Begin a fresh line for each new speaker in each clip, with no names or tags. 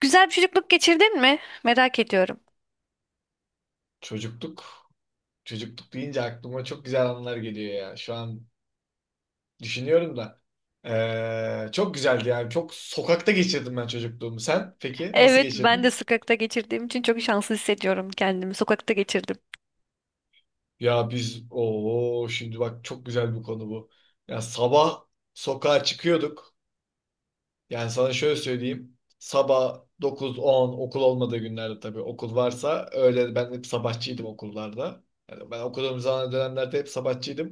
Güzel bir çocukluk geçirdin mi? Merak ediyorum.
Çocukluk, çocukluk deyince aklıma çok güzel anılar geliyor ya. Şu an düşünüyorum da. Çok güzeldi yani. Çok sokakta geçirdim ben çocukluğumu. Sen peki nasıl
Evet, ben de
geçirdin?
sokakta geçirdiğim için çok şanslı hissediyorum kendimi. Sokakta geçirdim.
Ya biz o şimdi bak çok güzel bir konu bu. Ya sabah sokağa çıkıyorduk. Yani sana şöyle söyleyeyim. Sabah 9-10 okul olmadığı günlerde tabii okul varsa öyle ben hep sabahçıydım okullarda. Yani ben okuduğum zaman dönemlerde hep sabahçıydım.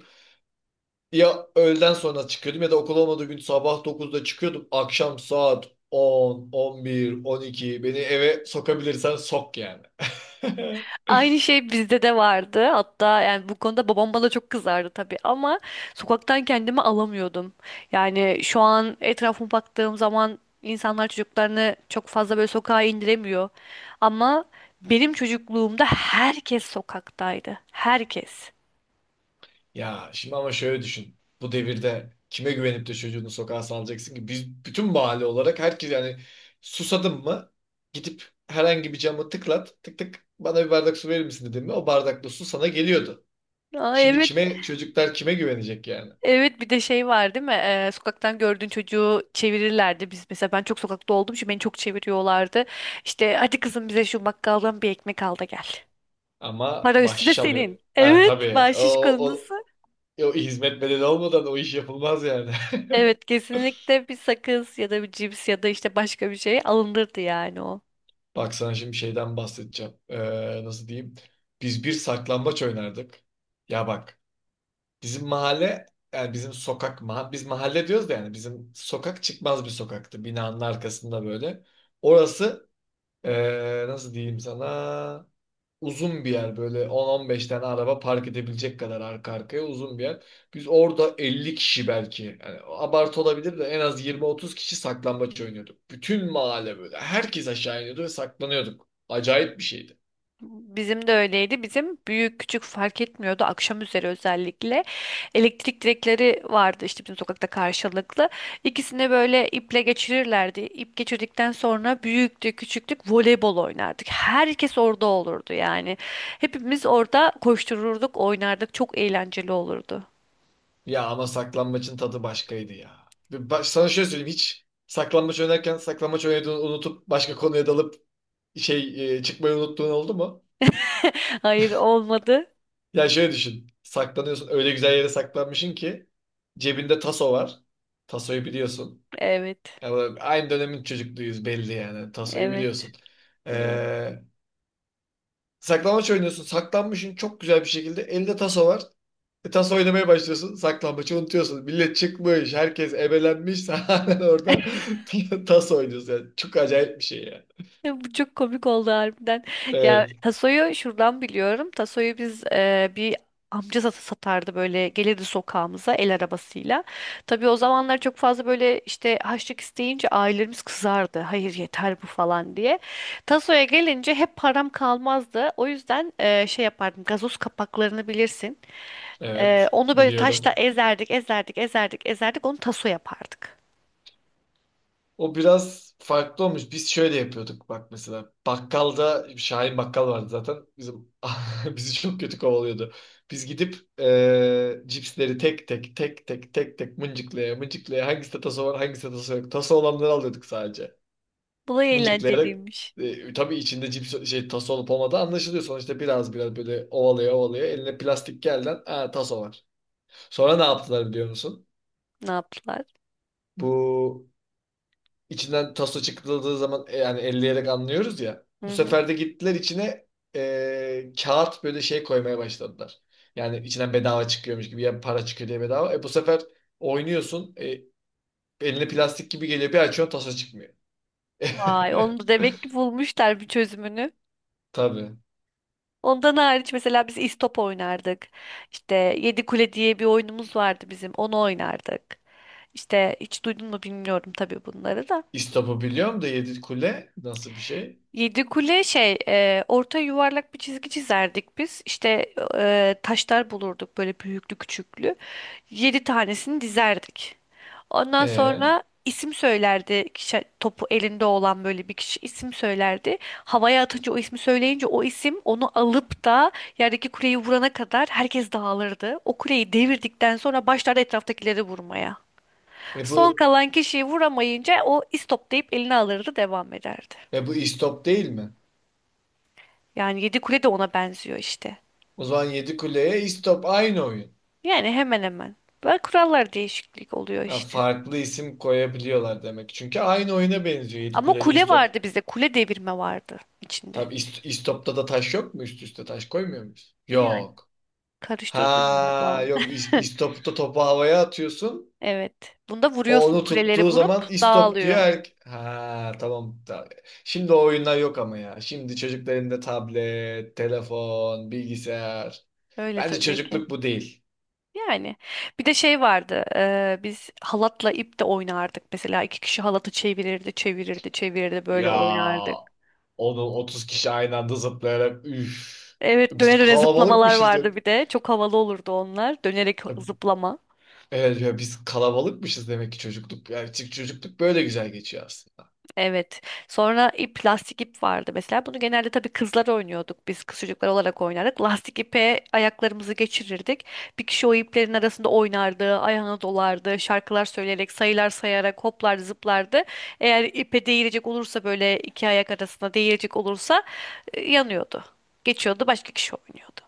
Ya öğleden sonra çıkıyordum ya da okul olmadığı gün sabah 9'da çıkıyordum. Akşam saat 10, 11, 12 beni eve sokabilirsen sok yani.
Aynı şey bizde de vardı. Hatta yani bu konuda babam bana çok kızardı tabii ama sokaktan kendimi alamıyordum. Yani şu an etrafıma baktığım zaman insanlar çocuklarını çok fazla böyle sokağa indiremiyor. Ama benim çocukluğumda herkes sokaktaydı. Herkes.
Ya şimdi ama şöyle düşün. Bu devirde kime güvenip de çocuğunu sokağa salacaksın ki? Biz bütün mahalle olarak herkes yani susadım mı gidip herhangi bir camı tıklat tık tık bana bir bardak su verir misin dedim mi o bardakla su sana geliyordu.
Aa,
Şimdi
evet.
kime çocuklar kime güvenecek yani?
Evet bir de şey var değil mi? Sokaktan gördüğün çocuğu çevirirlerdi. Biz mesela ben çok sokakta olduğum için beni çok çeviriyorlardı. İşte hadi kızım bize şu bakkaldan bir ekmek al da gel.
Ama
Para üstü
baş
de
çalıyor.
senin.
Ha,
Evet,
tabii
bahşiş
o.
konusu.
E, o hizmet bedeli olmadan o iş yapılmaz yani.
Evet, kesinlikle bir sakız ya da bir cips ya da işte başka bir şey alındırdı yani o.
Bak sana şimdi şeyden bahsedeceğim. Nasıl diyeyim? Biz bir saklambaç oynardık. Ya bak bizim mahalle yani bizim sokak biz mahalle diyoruz da yani bizim sokak çıkmaz bir sokaktı. Binanın arkasında böyle. Orası nasıl diyeyim sana? Uzun bir yer, böyle on 15 tane araba park edebilecek kadar arka arkaya uzun bir yer. Biz orada 50 kişi, belki yani abartı olabilir de, en az 20-30 kişi saklambaç oynuyorduk. Bütün mahalle böyle herkes aşağı iniyordu ve saklanıyorduk. Acayip bir şeydi.
Bizim de öyleydi. Bizim büyük küçük fark etmiyordu. Akşam üzeri özellikle elektrik direkleri vardı işte bizim sokakta karşılıklı. İkisini böyle iple geçirirlerdi. İp geçirdikten sonra büyüktü, küçüktük voleybol oynardık. Herkes orada olurdu yani. Hepimiz orada koştururduk, oynardık. Çok eğlenceli olurdu.
Ya ama saklambaçın tadı başkaydı ya. Ve baş, sana şöyle söyleyeyim, hiç saklambaç oynarken saklambaç oynadığını unutup başka konuya dalıp çıkmayı unuttuğun oldu mu?
Hayır olmadı.
Ya şöyle düşün. Saklanıyorsun. Öyle güzel yere saklanmışsın ki cebinde taso var. Tasoyu biliyorsun.
Evet.
Aynı dönemin çocukluğuyuz belli yani. Tasoyu
Evet,
biliyorsun.
biliyorum.
Ee, Saklambaç oynuyorsun. Saklanmışsın çok güzel bir şekilde. Elinde taso var. E, taso oynamaya başlıyorsun. Saklambaçı unutuyorsun. Millet çıkmış. Herkes ebelenmiş. Sen halen orada taso oynuyorsun. Yani çok acayip bir şey yani.
Ya bu çok komik oldu harbiden. Ya
Evet.
Taso'yu şuradan biliyorum. Taso'yu biz bir amca satardı böyle gelirdi sokağımıza el arabasıyla. Tabii o zamanlar çok fazla böyle işte harçlık isteyince ailelerimiz kızardı. Hayır yeter bu falan diye. Taso'ya gelince hep param kalmazdı. O yüzden şey yapardım gazoz kapaklarını bilirsin.
Evet.
Onu böyle taşla
Biliyorum.
ezerdik ezerdik onu Taso yapardık.
O biraz farklı olmuş. Biz şöyle yapıyorduk bak mesela. Bakkalda Şahin Bakkal vardı zaten. Bizim bizi çok kötü kovalıyordu. Biz gidip cipsleri tek tek tek tek tek tek mıncıklaya mıncıklaya hangisi taso var hangisi taso yok. Taso olanları alıyorduk sadece.
Bulay
Mıncıklayarak
eğlenceliymiş.
tabii içinde cips şey taso olup olmadığı anlaşılıyor. Sonuçta biraz biraz böyle ovalaya ovalaya eline plastik gelden, "Aa, taso var." Sonra ne yaptılar biliyor musun?
Ne yaptılar?
Bu İçinden taso çıkıldığı zaman, yani elleyerek anlıyoruz ya. Bu
Hı hı.
sefer de gittiler içine kağıt böyle şey koymaya başladılar. Yani içinden bedava çıkıyormuş gibi ya, para çıkıyor diye bedava. E bu sefer oynuyorsun, eline plastik gibi geliyor, bir açıyorsun, taso çıkmıyor.
Vay, onu da demek ki bulmuşlar bir çözümünü.
Tabii.
Ondan hariç mesela biz istop oynardık. İşte Yedi Kule diye bir oyunumuz vardı bizim. Onu oynardık. İşte hiç duydun mu bilmiyorum tabii bunları da.
İstop'u biliyorum da Yedi Kule nasıl bir şey?
Yedi kule şey orta yuvarlak bir çizgi çizerdik biz. İşte taşlar bulurduk böyle büyüklü küçüklü. Yedi tanesini dizerdik. Ondan
E,
sonra isim söylerdi. Kişi, topu elinde olan böyle bir kişi isim söylerdi. Havaya atınca o ismi söyleyince o isim onu alıp da yerdeki kuleyi vurana kadar herkes dağılırdı. O kuleyi devirdikten sonra başlardı etraftakileri vurmaya.
e
Son
bu
kalan kişiyi vuramayınca o istop deyip eline alırdı devam ederdi.
bu İstop değil mi?
Yani yedi kule de ona benziyor işte.
O zaman Yedi Kule'ye İstop aynı oyun.
Yani hemen hemen. Böyle kurallar değişiklik oluyor
Ha,
işte.
farklı isim koyabiliyorlar demek. Çünkü aynı oyuna benziyor. Yedi
Ama
Kuleli
kule
İstop.
vardı bizde. Kule devirme vardı içinde.
İstopta da taş yok mu? Üst üste taş koymuyor muyuz?
Yani
Yok.
karıştırdı galiba.
İstopta topu havaya atıyorsun.
Evet. Bunda
O
vuruyorsun
onu
kuleleri
tuttuğu
vurup
zaman istop diyor.
dağılıyor.
Ha, tamam. Şimdi o oyunlar yok ama ya. Şimdi çocukların da tablet, telefon, bilgisayar.
Öyle
Bence
tabii ki.
çocukluk bu değil.
Yani bir de şey vardı. Biz halatla ip de oynardık. Mesela iki kişi halatı çevirirdi böyle
Ya
oynardık.
onu 30 kişi aynı anda zıplayarak üf.
Evet, döne
Biz
döne zıplamalar
kalabalıkmışız hep.
vardı bir de. Çok havalı olurdu onlar. Dönerek zıplama.
Evet ya, biz kalabalıkmışız demek ki çocukluk. Yani çocukluk böyle güzel geçiyor aslında.
Evet. Sonra ip, lastik ip vardı mesela. Bunu genelde tabii kızlar oynuyorduk. Biz kız çocuklar olarak oynardık. Lastik ipe ayaklarımızı geçirirdik. Bir kişi o iplerin arasında oynardı, ayağına dolardı, şarkılar söyleyerek, sayılar sayarak hoplar zıplardı. Eğer ipe değilecek olursa böyle iki ayak arasında değilecek olursa yanıyordu. Geçiyordu, başka kişi oynuyordu.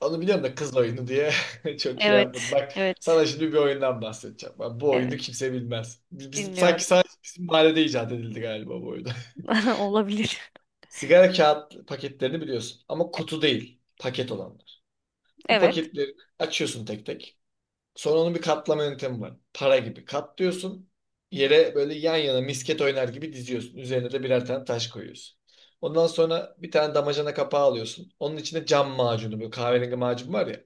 Onu biliyorum da, kız oyunu diye çok şey yapmadım.
Evet,
Bak
evet,
sana şimdi bir oyundan bahsedeceğim. Bak, bu
evet.
oyunu kimse bilmez. Biz sanki
Dinliyorum.
sadece bizim mahallede icat edildi galiba bu oyun.
Olabilir.
Sigara kağıt paketlerini biliyorsun, ama
E,
kutu değil, paket olanlar. Bu
evet,
paketleri açıyorsun tek tek. Sonra onun bir katlama yöntemi var. Para gibi katlıyorsun. Yere böyle yan yana misket oynar gibi diziyorsun. Üzerine de birer tane taş koyuyorsun. Ondan sonra bir tane damacana kapağı alıyorsun. Onun içine cam macunu, böyle kahverengi macun var ya.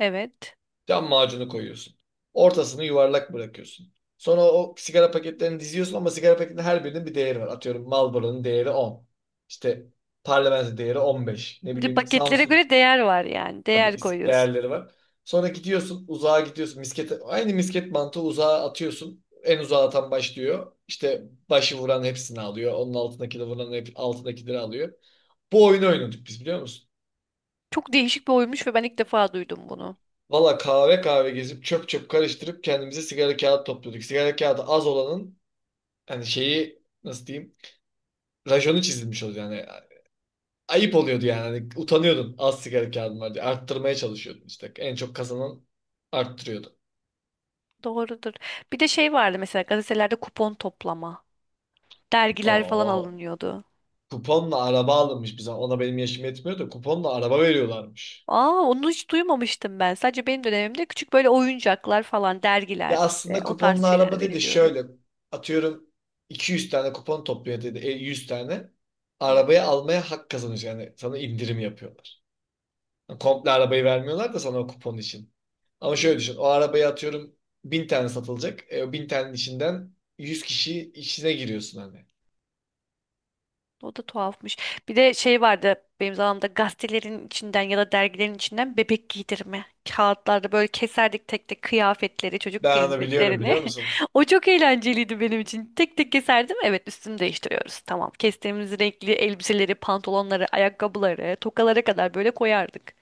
evet.
Cam macunu koyuyorsun. Ortasını yuvarlak bırakıyorsun. Sonra o sigara paketlerini diziyorsun ama sigara paketinin her birinin bir değeri var. Atıyorum, Marlboro'nun değeri 10. İşte Parlamento değeri 15. Ne
Bir de
bileyim
paketlere
Samsun.
göre değer var yani. Değer koyuyorsun.
Değerleri var. Sonra gidiyorsun, uzağa gidiyorsun. Miskete, aynı misket mantığı, uzağa atıyorsun. En uzağa atan başlıyor. İşte başı vuran hepsini alıyor. Onun altındaki de vuran hep altındakileri alıyor. Bu oyunu oynadık biz, biliyor musun?
Çok değişik bir oyunmuş ve ben ilk defa duydum bunu.
Valla kahve kahve gezip çöp çöp karıştırıp kendimize sigara kağıt topluyorduk. Sigara kağıdı az olanın, hani şeyi nasıl diyeyim, rajonu çizilmiş oluyor yani. Ayıp oluyordu yani. Hani utanıyordun az sigara kağıdın var diye. Arttırmaya çalışıyordun işte. En çok kazanan arttırıyordu.
Doğrudur. Bir de şey vardı mesela gazetelerde kupon toplama. Dergiler falan
Oo.
alınıyordu.
Kuponla araba alınmış bize. Ona benim yaşım yetmiyor da kuponla araba veriyorlarmış.
Aa onu hiç duymamıştım ben. Sadece benim dönemimde küçük böyle oyuncaklar falan dergiler
Ya
işte
aslında
o tarz
kuponla
şeyler
araba dedi
veriliyordu.
şöyle, atıyorum 200 tane kupon topluyor dedi, 100 tane.
Hı
Arabayı almaya hak kazanıyorsun. Yani sana indirim yapıyorlar. Yani komple arabayı vermiyorlar da sana o kupon için. Ama
hı.
şöyle düşün, o arabayı atıyorum 1.000 tane satılacak. E, o 1.000 tanenin içinden 100 kişi içine giriyorsun hani.
O da tuhafmış. Bir de şey vardı benim zamanımda gazetelerin içinden ya da dergilerin içinden bebek giydirme. Kağıtlarda böyle keserdik tek tek kıyafetleri, çocuk
Ben onu biliyorum,
kıyafetlerini.
biliyor musun?
O çok eğlenceliydi benim için. Tek tek keserdim. Evet üstünü değiştiriyoruz. Tamam. Kestiğimiz renkli elbiseleri, pantolonları, ayakkabıları, tokalara kadar böyle koyardık.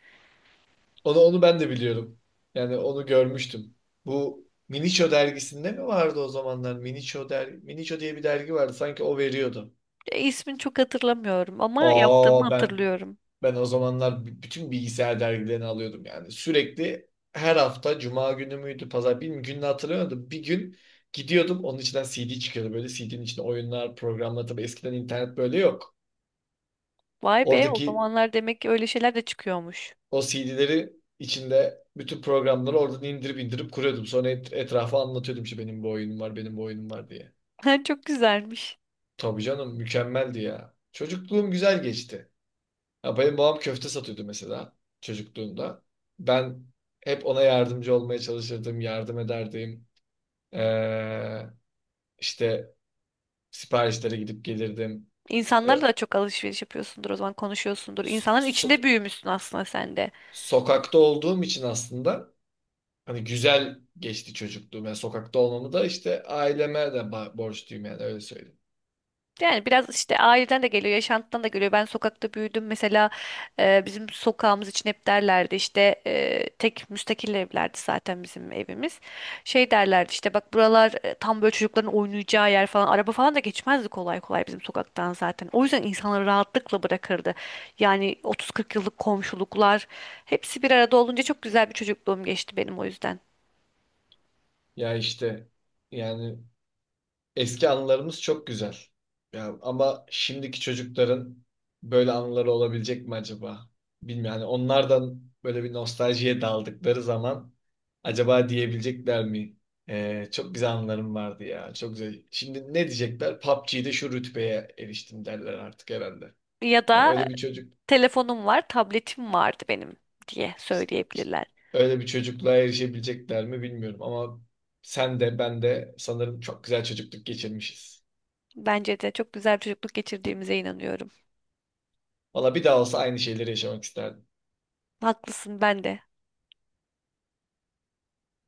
Onu, onu ben de biliyorum. Yani onu görmüştüm. Bu Miniço dergisinde mi vardı o zamanlar? Miniço diye bir dergi vardı. Sanki o veriyordu.
İsmini çok hatırlamıyorum ama yaptığımı
Aa, ben
hatırlıyorum.
ben o zamanlar bütün bilgisayar dergilerini alıyordum yani. Sürekli her hafta cuma günü müydü, pazar, bilmiyorum, gününü hatırlamıyordum. Bir gün gidiyordum, onun içinden CD çıkıyordu, böyle CD'nin içinde oyunlar, programlar. Tabii eskiden internet böyle yok.
Vay be o
Oradaki
zamanlar demek ki öyle şeyler de çıkıyormuş.
O CD'leri içinde bütün programları oradan indirip indirip kuruyordum. Sonra etrafa anlatıyordum işte, benim bu oyunum var, benim bu oyunum var diye.
Çok güzelmiş.
Tabii canım, mükemmeldi ya. Çocukluğum güzel geçti. Ya benim babam köfte satıyordu mesela çocukluğumda. Ben hep ona yardımcı olmaya çalışırdım, yardım ederdim. Ee, işte siparişlere gidip gelirdim. Ee,
İnsanlarla da çok alışveriş yapıyorsundur o zaman konuşuyorsundur.
so-
İnsanların
so-
içinde büyümüşsün aslında sen de.
sokakta olduğum için aslında. Hani güzel geçti çocukluğum. Yani sokakta olmamı da işte aileme de borçluyum yani, öyle söyleyeyim.
Yani biraz işte aileden de geliyor, yaşantıdan da geliyor. Ben sokakta büyüdüm. Mesela bizim sokağımız için hep derlerdi işte tek müstakil evlerdi zaten bizim evimiz. Şey derlerdi işte bak buralar tam böyle çocukların oynayacağı yer falan. Araba falan da geçmezdi kolay kolay bizim sokaktan zaten. O yüzden insanları rahatlıkla bırakırdı. Yani 30-40 yıllık komşuluklar hepsi bir arada olunca çok güzel bir çocukluğum geçti benim o yüzden.
Ya işte yani eski anılarımız çok güzel. Ya ama şimdiki çocukların böyle anıları olabilecek mi acaba? Bilmiyorum. Yani onlardan böyle bir nostaljiye daldıkları zaman acaba diyebilecekler mi? Çok güzel anılarım vardı ya. Çok güzel. Şimdi ne diyecekler? PUBG'de şu rütbeye eriştim derler artık herhalde.
Ya
Yani
da
öyle bir çocuk.
telefonum var, tabletim vardı benim diye
İşte
söyleyebilirler.
öyle bir çocukluğa erişebilecekler mi bilmiyorum ama sen de ben de sanırım çok güzel çocukluk geçirmişiz.
Bence de çok güzel bir çocukluk geçirdiğimize inanıyorum.
Valla bir daha olsa aynı şeyleri yaşamak isterdim.
Haklısın ben de.